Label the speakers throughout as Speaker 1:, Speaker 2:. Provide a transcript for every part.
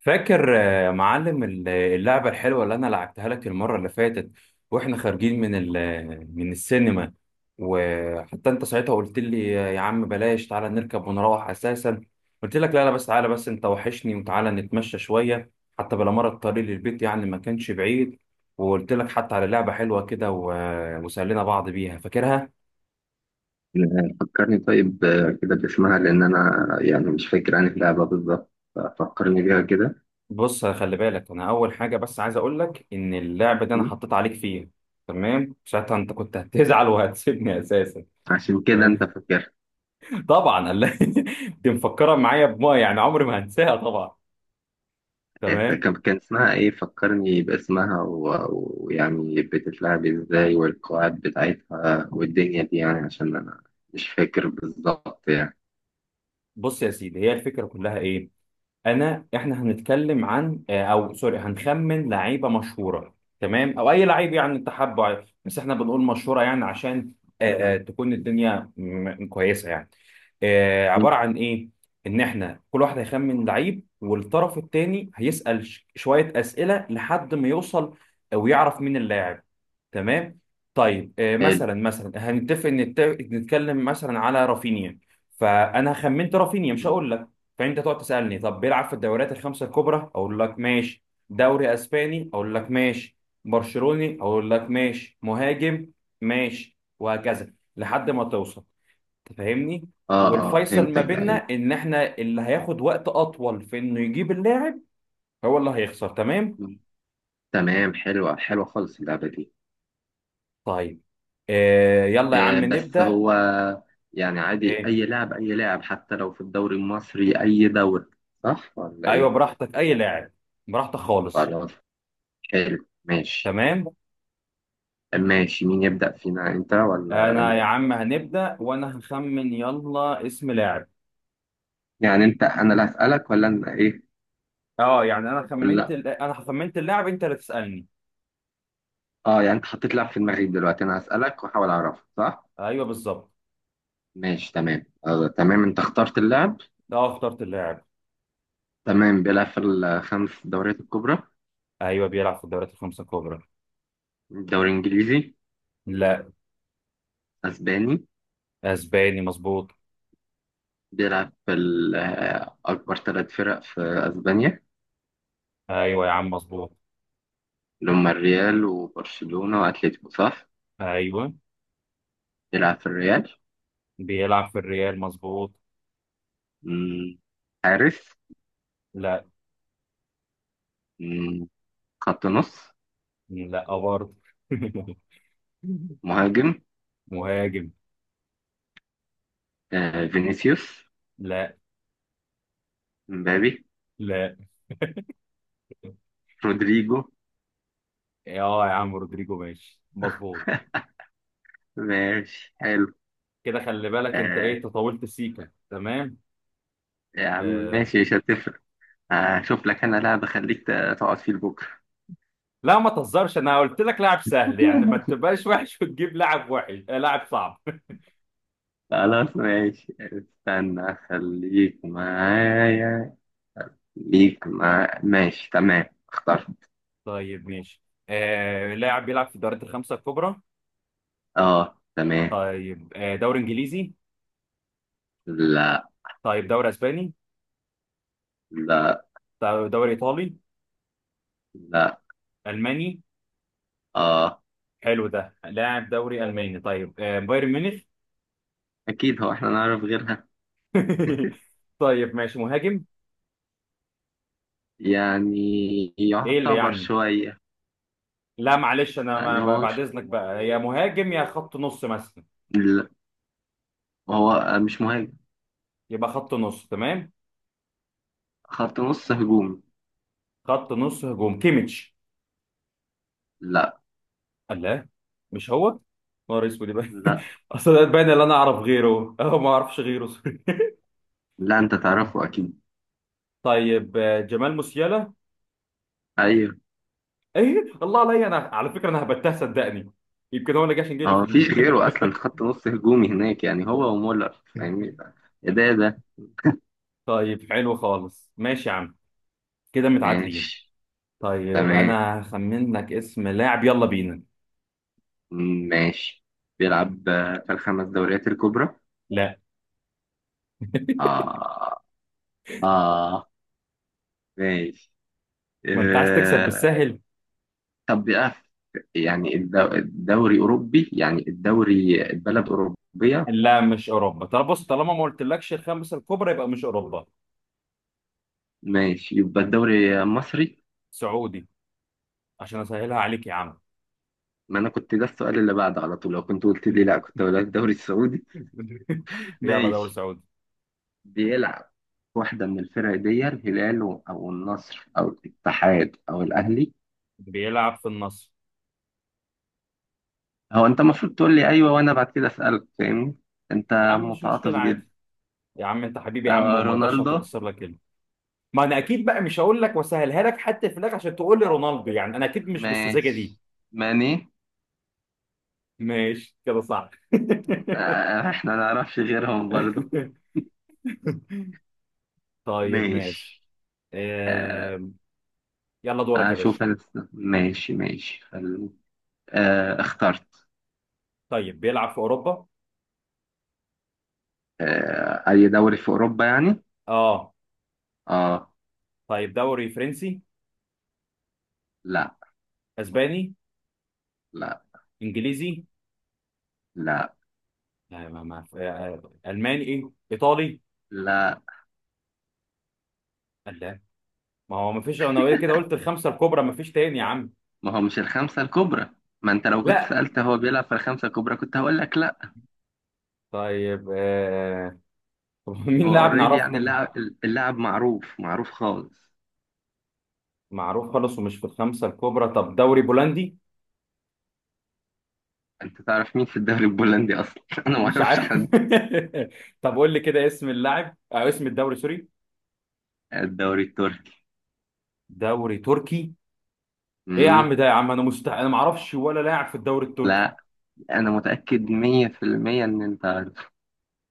Speaker 1: فاكر يا معلم اللعبة الحلوة اللي أنا لعبتها لك المرة اللي فاتت، وإحنا خارجين من من السينما. وحتى أنت ساعتها قلت لي يا عم بلاش، تعالى نركب ونروح أساسا. قلت لك لا لا، بس تعالى، بس أنت وحشني وتعالى نتمشى شوية، حتى بلا مرة الطريق للبيت يعني ما كانش بعيد. وقلت لك حتى على لعبة حلوة كده وسألنا بعض بيها، فاكرها؟
Speaker 2: فكرني طيب، كده باسمها، لأن أنا يعني مش فاكر عن اللعبة بالظبط، ففكرني بيها كده.
Speaker 1: بص خلي بالك، انا اول حاجه بس عايز اقول لك ان اللعب ده انا
Speaker 2: مم.
Speaker 1: حطيت عليك فيه. تمام ساعتها انت كنت هتزعل وهتسيبني اساسا.
Speaker 2: عشان كده أنت
Speaker 1: تمام.
Speaker 2: فاكر.
Speaker 1: طبعا دي مفكره معايا بما يعني عمري ما هنساها طبعا. تمام.
Speaker 2: كان اسمها إيه؟ فكرني باسمها ويعني بتتلعب إزاي والقواعد بتاعتها والدنيا دي، يعني عشان أنا مش فاكر بالظبط يعني.
Speaker 1: بص يا سيدي، هي الفكره كلها ايه. احنا هنتكلم عن او سوري، هنخمن لعيبه مشهوره، تمام، او اي لعيب يعني انت حابه عادي. بس احنا بنقول مشهوره يعني عشان تكون الدنيا كويسه يعني.
Speaker 2: مم.
Speaker 1: عباره عن ايه. ان احنا كل واحد هيخمن لعيب، والطرف الثاني هيسال شويه اسئله لحد ما يوصل ويعرف مين اللاعب. تمام. طيب
Speaker 2: حلو.
Speaker 1: مثلا مثلا هنتفق نتكلم مثلا على رافينيا. فانا خمنت رافينيا، مش
Speaker 2: مم.
Speaker 1: هقول لك. فانت تقعد تسالني، طب بيلعب في الدوريات الخمسه الكبرى؟ اقول لك ماشي. دوري اسباني؟ اقول لك ماشي. برشلوني؟ اقول لك ماشي، مهاجم، ماشي، وهكذا لحد ما توصل. تفهمني.
Speaker 2: آه، آه،
Speaker 1: والفيصل ما
Speaker 2: فهمتك.
Speaker 1: بيننا
Speaker 2: أيوه.
Speaker 1: ان احنا اللي هياخد وقت اطول في انه يجيب اللاعب هو اللي هيخسر. تمام.
Speaker 2: مم. تمام، حلوة حلوة خالص اللعبة دي.
Speaker 1: طيب يلا يا عم
Speaker 2: بس
Speaker 1: نبدا.
Speaker 2: هو يعني عادي،
Speaker 1: آه
Speaker 2: أي لاعب أي لاعب، حتى لو في الدوري المصري، أي دوري، صح ولا
Speaker 1: ايوه،
Speaker 2: إيه؟
Speaker 1: براحتك اي لاعب، براحتك خالص.
Speaker 2: خلاص، حلو، ماشي.
Speaker 1: تمام.
Speaker 2: ماشي، مين يبدأ فينا، أنت ولا
Speaker 1: انا يا
Speaker 2: أنا؟
Speaker 1: عم هنبدا، وانا هخمن، يلا اسم لاعب.
Speaker 2: يعني أنت، أنا اللي هسألك ولا أنا، إيه؟
Speaker 1: اه يعني انا خمنت
Speaker 2: ولا،
Speaker 1: انا خمنت اللاعب، انت اللي تسالني.
Speaker 2: أه، يعني أنت حطيت لاعب في دماغي دلوقتي، أنا هسألك وأحاول أعرفه، صح؟
Speaker 1: ايوه بالظبط.
Speaker 2: ماشي، تمام. تمام، أنت اخترت اللاعب.
Speaker 1: اه اخترت اللاعب.
Speaker 2: تمام، بيلعب في الخمس دوريات الكبرى.
Speaker 1: ايوه بيلعب في الدوريات الخمسه الكبرى.
Speaker 2: الدوري الإنجليزي؟
Speaker 1: لا.
Speaker 2: أسباني.
Speaker 1: اسباني مظبوط.
Speaker 2: بيلعب في أكبر ثلاث فرق في أسبانيا،
Speaker 1: ايوه يا عم مظبوط.
Speaker 2: اللي هما الريال وبرشلونة وأتلتيكو، صح؟
Speaker 1: ايوه
Speaker 2: يلعب في الريال.
Speaker 1: بيلعب في الريال مظبوط.
Speaker 2: مم. حارس؟
Speaker 1: لا.
Speaker 2: مم. خط نص؟
Speaker 1: لا برضه.
Speaker 2: مهاجم؟
Speaker 1: مهاجم.
Speaker 2: آه. فينيسيوس؟
Speaker 1: لا.
Speaker 2: مبابي؟
Speaker 1: لا.
Speaker 2: رودريجو؟
Speaker 1: اه يا عم رودريجو ماشي مظبوط.
Speaker 2: ماشي، حلو.
Speaker 1: كده خلي بالك انت ايه،
Speaker 2: آه.
Speaker 1: أنت طولت سيكا تمام.
Speaker 2: يا عم،
Speaker 1: آه.
Speaker 2: ماشي، مش هتفرق. هشوف لك أنا لاعب أخليك تقعد فيه لبكرة.
Speaker 1: لا ما تهزرش، انا قلت لك لاعب سهل يعني، ما تبقاش وحش وتجيب لاعب وحش، لاعب صعب.
Speaker 2: خلاص، ماشي، استنى، أخليك معايا. ليك مع ماشي، تمام. اختار.
Speaker 1: طيب ماشي. لاعب بيلعب في الدوريات الخمسة الكبرى.
Speaker 2: اه، تمام.
Speaker 1: طيب دوري انجليزي.
Speaker 2: لا.
Speaker 1: طيب دوري اسباني.
Speaker 2: لا،
Speaker 1: طيب دوري ايطالي.
Speaker 2: لا،
Speaker 1: الماني.
Speaker 2: اه،
Speaker 1: حلو ده لاعب دوري الماني. طيب بايرن ميونخ.
Speaker 2: اكيد هو احنا نعرف غيرها
Speaker 1: طيب ماشي، مهاجم.
Speaker 2: يعني.
Speaker 1: ايه اللي
Speaker 2: يعتبر
Speaker 1: يعني.
Speaker 2: شوية
Speaker 1: لا معلش، انا
Speaker 2: يعني. هو
Speaker 1: بعد
Speaker 2: مش،
Speaker 1: اذنك بقى، يا مهاجم يا خط نص مثلا.
Speaker 2: لا، هو مش مهاجم.
Speaker 1: يبقى خط نص تمام.
Speaker 2: خط نص هجومي.
Speaker 1: خط نص هجوم، كيميتش.
Speaker 2: لا.
Speaker 1: الله. مش هو. نهار اسود يبقى.
Speaker 2: لا،
Speaker 1: اصل ده باين اللي انا اعرف غيره، اه ما اعرفش غيره.
Speaker 2: لا، انت تعرفه اكيد.
Speaker 1: طيب جمال موسيالا.
Speaker 2: ايوه.
Speaker 1: ايه الله عليا، انا على فكره انا هبتها صدقني، يمكن هو اللي جه عشان جه اللي في
Speaker 2: هو
Speaker 1: دماغي.
Speaker 2: مفيش غيره اصلا خط نص هجومي هناك، يعني هو ومولر، فاهمني. يا ده ده.
Speaker 1: طيب حلو خالص ماشي يا عم، كده متعادلين.
Speaker 2: ماشي،
Speaker 1: طيب
Speaker 2: تمام.
Speaker 1: انا هخمن لك اسم لاعب، يلا بينا.
Speaker 2: ماشي، بيلعب في الخمس دوريات الكبرى.
Speaker 1: لا.
Speaker 2: اه. اه، ماشي.
Speaker 1: ما انت عايز تكسب
Speaker 2: آه،
Speaker 1: بالسهل.
Speaker 2: طب بقى، يعني الدوري أوروبي، يعني الدوري البلد أوروبية.
Speaker 1: لا مش اوروبا، طب بص طالما ما قلتلكش الخمسه الكبرى يبقى مش اوروبا.
Speaker 2: ماشي، يبقى الدوري مصري.
Speaker 1: سعودي، عشان اسهلها عليك يا عم.
Speaker 2: ما أنا كنت ده السؤال اللي بعده على طول، لو كنت قلت لي لا كنت هقول لك الدوري السعودي.
Speaker 1: يلا دوري
Speaker 2: ماشي.
Speaker 1: سعودي.
Speaker 2: بيلعب. واحدة من الفرق دي، الهلال أو النصر أو الاتحاد أو الأهلي.
Speaker 1: بيلعب في النصر.
Speaker 2: هو أنت المفروض تقول لي أيوه، وأنا بعد كده أسألك، فاهمني.
Speaker 1: يا
Speaker 2: أنت
Speaker 1: عم مش
Speaker 2: متعاطف
Speaker 1: مشكله عادي.
Speaker 2: جدا.
Speaker 1: يا عم انت حبيبي يا عم،
Speaker 2: آه،
Speaker 1: وما اقدرش
Speaker 2: رونالدو؟
Speaker 1: اتكسر لك. ما انا اكيد بقى مش هقول لك واسهلها لك حتى في الاخر عشان تقول لي رونالدو، يعني انا اكيد مش بالسذاجه دي.
Speaker 2: ماشي. ماني؟
Speaker 1: ماشي كده صح.
Speaker 2: آه، إحنا ما نعرفش غيرهم برضه.
Speaker 1: طيب ماشي.
Speaker 2: ماشي. آه،
Speaker 1: آم، يلا دورك يا
Speaker 2: أشوف
Speaker 1: باشا.
Speaker 2: أنا. ماشي، ماشي. خلو. اخترت.
Speaker 1: طيب بيلعب في اوروبا.
Speaker 2: أي دوري في أوروبا يعني؟
Speaker 1: اه.
Speaker 2: آه.
Speaker 1: طيب دوري فرنسي.
Speaker 2: لا.
Speaker 1: اسباني.
Speaker 2: لا،
Speaker 1: انجليزي.
Speaker 2: لا،
Speaker 1: لا ما ما آه، آه، الماني ايه ايطالي.
Speaker 2: لا.
Speaker 1: لا. ما هو ما فيش، انا كده قلت الخمسه الكبرى ما فيش تاني يا عم.
Speaker 2: ما هو مش الخمسة الكبرى. ما أنت لو كنت
Speaker 1: لا.
Speaker 2: سألت هو بيلعب في الخمسة الكبرى كنت هقول لك لا.
Speaker 1: طيب طب مين
Speaker 2: هو
Speaker 1: لاعب
Speaker 2: أوريدي
Speaker 1: نعرفه
Speaker 2: يعني
Speaker 1: تاني.
Speaker 2: اللاعب. اللاعب معروف، معروف خالص.
Speaker 1: معروف خالص ومش في الخمسة الكبرى، طب دوري بولندي.
Speaker 2: أنت تعرف مين في الدوري البولندي أصلا؟ أنا ما
Speaker 1: مش
Speaker 2: أعرفش
Speaker 1: عارف.
Speaker 2: حد.
Speaker 1: طب قول لي كده اسم اللاعب أو اسم الدوري، سوري.
Speaker 2: الدوري التركي.
Speaker 1: دوري تركي. ايه يا
Speaker 2: مم.
Speaker 1: عم ده، يا عم انا مستحيل انا ما اعرفش ولا لاعب في الدوري التركي.
Speaker 2: لا، أنا متأكد 100% إن أنت عارف.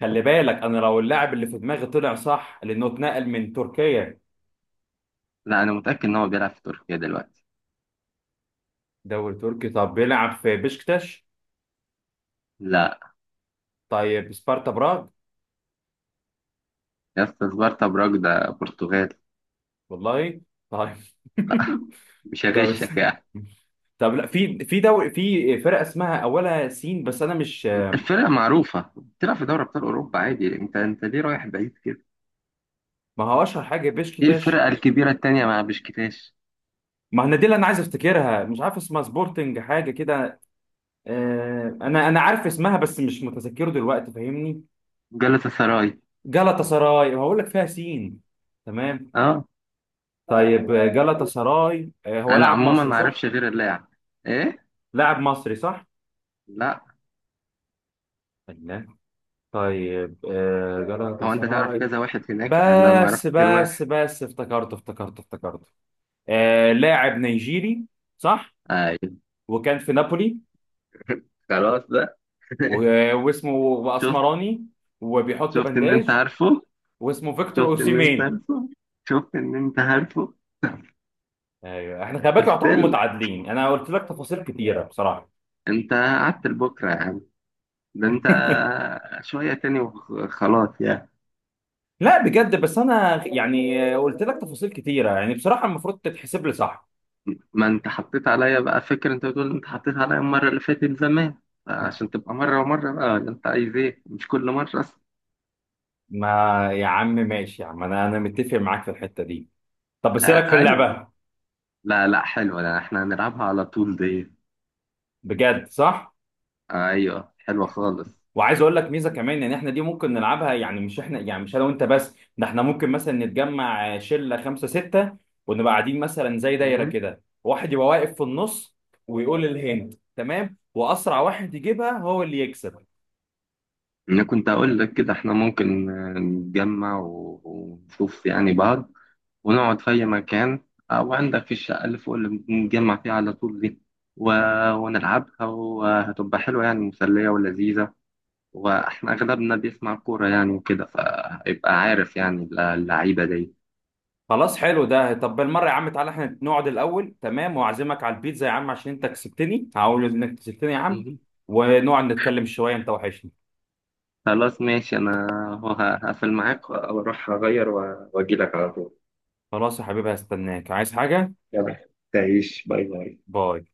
Speaker 1: خلي بالك انا لو اللاعب اللي في دماغي طلع صح لانه اتنقل من تركيا.
Speaker 2: لا، أنا متأكد إن هو بيلعب في تركيا دلوقتي.
Speaker 1: دوري تركي، طب بيلعب في بشكتاش.
Speaker 2: لا.
Speaker 1: طيب سبارتا براغ.
Speaker 2: يا اسطى، سبارتا براج ده برتغال.
Speaker 1: والله. طيب.
Speaker 2: لا. مش
Speaker 1: طب
Speaker 2: هغشك
Speaker 1: است-
Speaker 2: يعني.
Speaker 1: طب لا في في دوري، في فرقة اسمها اولها سين بس انا مش.
Speaker 2: الفرقة معروفة، بتلعب في دوري أبطال أوروبا عادي، أنت ليه رايح بعيد كده؟
Speaker 1: ما هو اشهر حاجه
Speaker 2: إيه
Speaker 1: بيشكتاش.
Speaker 2: الفرقة الكبيرة التانية مع بشكتاش؟
Speaker 1: ما انا دي اللي انا عايز افتكرها مش عارف اسمها، سبورتنج حاجه كده. آه انا عارف اسمها بس مش متذكره دلوقتي، فاهمني.
Speaker 2: جلطة سراي.
Speaker 1: جالاتا سراي، هقول لك فيها سين. تمام.
Speaker 2: أه.
Speaker 1: طيب جالاتا سراي، آه هو
Speaker 2: أنا
Speaker 1: لاعب
Speaker 2: عموما
Speaker 1: مصري
Speaker 2: ما
Speaker 1: صح.
Speaker 2: أعرفش غير اللاعب. إيه؟
Speaker 1: لاعب مصري صح.
Speaker 2: لا.
Speaker 1: الله. طيب جالاتا
Speaker 2: هو أنت تعرف
Speaker 1: سراي.
Speaker 2: كذا واحد هناك، أنا ما أعرفش
Speaker 1: بس
Speaker 2: غير
Speaker 1: بس
Speaker 2: واحد.
Speaker 1: بس افتكرته افتكرته افتكرته. آه لاعب نيجيري صح.
Speaker 2: أيوة،
Speaker 1: وكان في نابولي.
Speaker 2: خلاص بقى.
Speaker 1: واسمه
Speaker 2: شفت.
Speaker 1: بأسمراني، وبيحط
Speaker 2: شفت إن أنت
Speaker 1: بنداج،
Speaker 2: عارفه.
Speaker 1: واسمه فيكتور
Speaker 2: شفت إن أنت
Speaker 1: اوسيمين.
Speaker 2: عارفه. شفت إن أنت عارفه.
Speaker 1: ايوه احنا خلي بالك
Speaker 2: قلت
Speaker 1: يعتبر
Speaker 2: لك،
Speaker 1: متعادلين، انا قلت لك تفاصيل كتيره بصراحه.
Speaker 2: أنت قعدت لبكرة. ده انت شوية تاني وخلاص يعني.
Speaker 1: لا بجد، بس انا يعني قلت لك تفاصيل كتيره يعني بصراحه المفروض تتحسب لي صح.
Speaker 2: ما انت حطيت عليا بقى فكرة، انت بتقول انت حطيت عليا المرة اللي فاتت زمان، عشان تبقى مرة ومرة بقى، ولا انت عايز ايه، مش كل مرة اصلا.
Speaker 1: ما، يا عم ماشي يا عم، انا متفق معاك في الحته دي. طب
Speaker 2: آه،
Speaker 1: بس إيه رايك في
Speaker 2: ايوه.
Speaker 1: اللعبه؟
Speaker 2: لا، لا، حلوة، لا احنا هنلعبها على طول دي.
Speaker 1: بجد صح.
Speaker 2: آه، ايوه، حلوة خالص.
Speaker 1: وعايز اقول لك ميزه كمان، ان احنا دي ممكن نلعبها، يعني مش احنا يعني مش انا وانت بس، ده احنا ممكن مثلا نتجمع شله خمسه سته، ونبقى قاعدين مثلا زي دايره
Speaker 2: مم.
Speaker 1: كده، واحد يبقى واقف في النص ويقول الهند تمام، واسرع واحد يجيبها هو اللي يكسب.
Speaker 2: انا كنت اقول لك كده، احنا ممكن نتجمع ونشوف يعني بعض، ونقعد في أي مكان، أو عندك في الشقة اللي فوق اللي بنتجمع فيها على طول دي، و... ونلعبها وهتبقى حلوة يعني، مسلية ولذيذة. وإحنا أغلبنا بيسمع كورة يعني، وكده فيبقى عارف يعني اللعيبة دي.
Speaker 1: خلاص حلو ده، طب بالمره يا عم تعالى احنا نقعد الاول تمام، واعزمك على البيتزا يا عم عشان انت كسبتني، هقول انك كسبتني يا عم.
Speaker 2: مهم.
Speaker 1: ونقعد نتكلم شويه، انت وحشني.
Speaker 2: خلاص ماشي. أنا هو هقفل معاك وأروح أغير وأجيلك على طول.
Speaker 1: خلاص يا حبيبي هستناك، عايز حاجه؟
Speaker 2: يلا تعيش، باي باي.
Speaker 1: باي.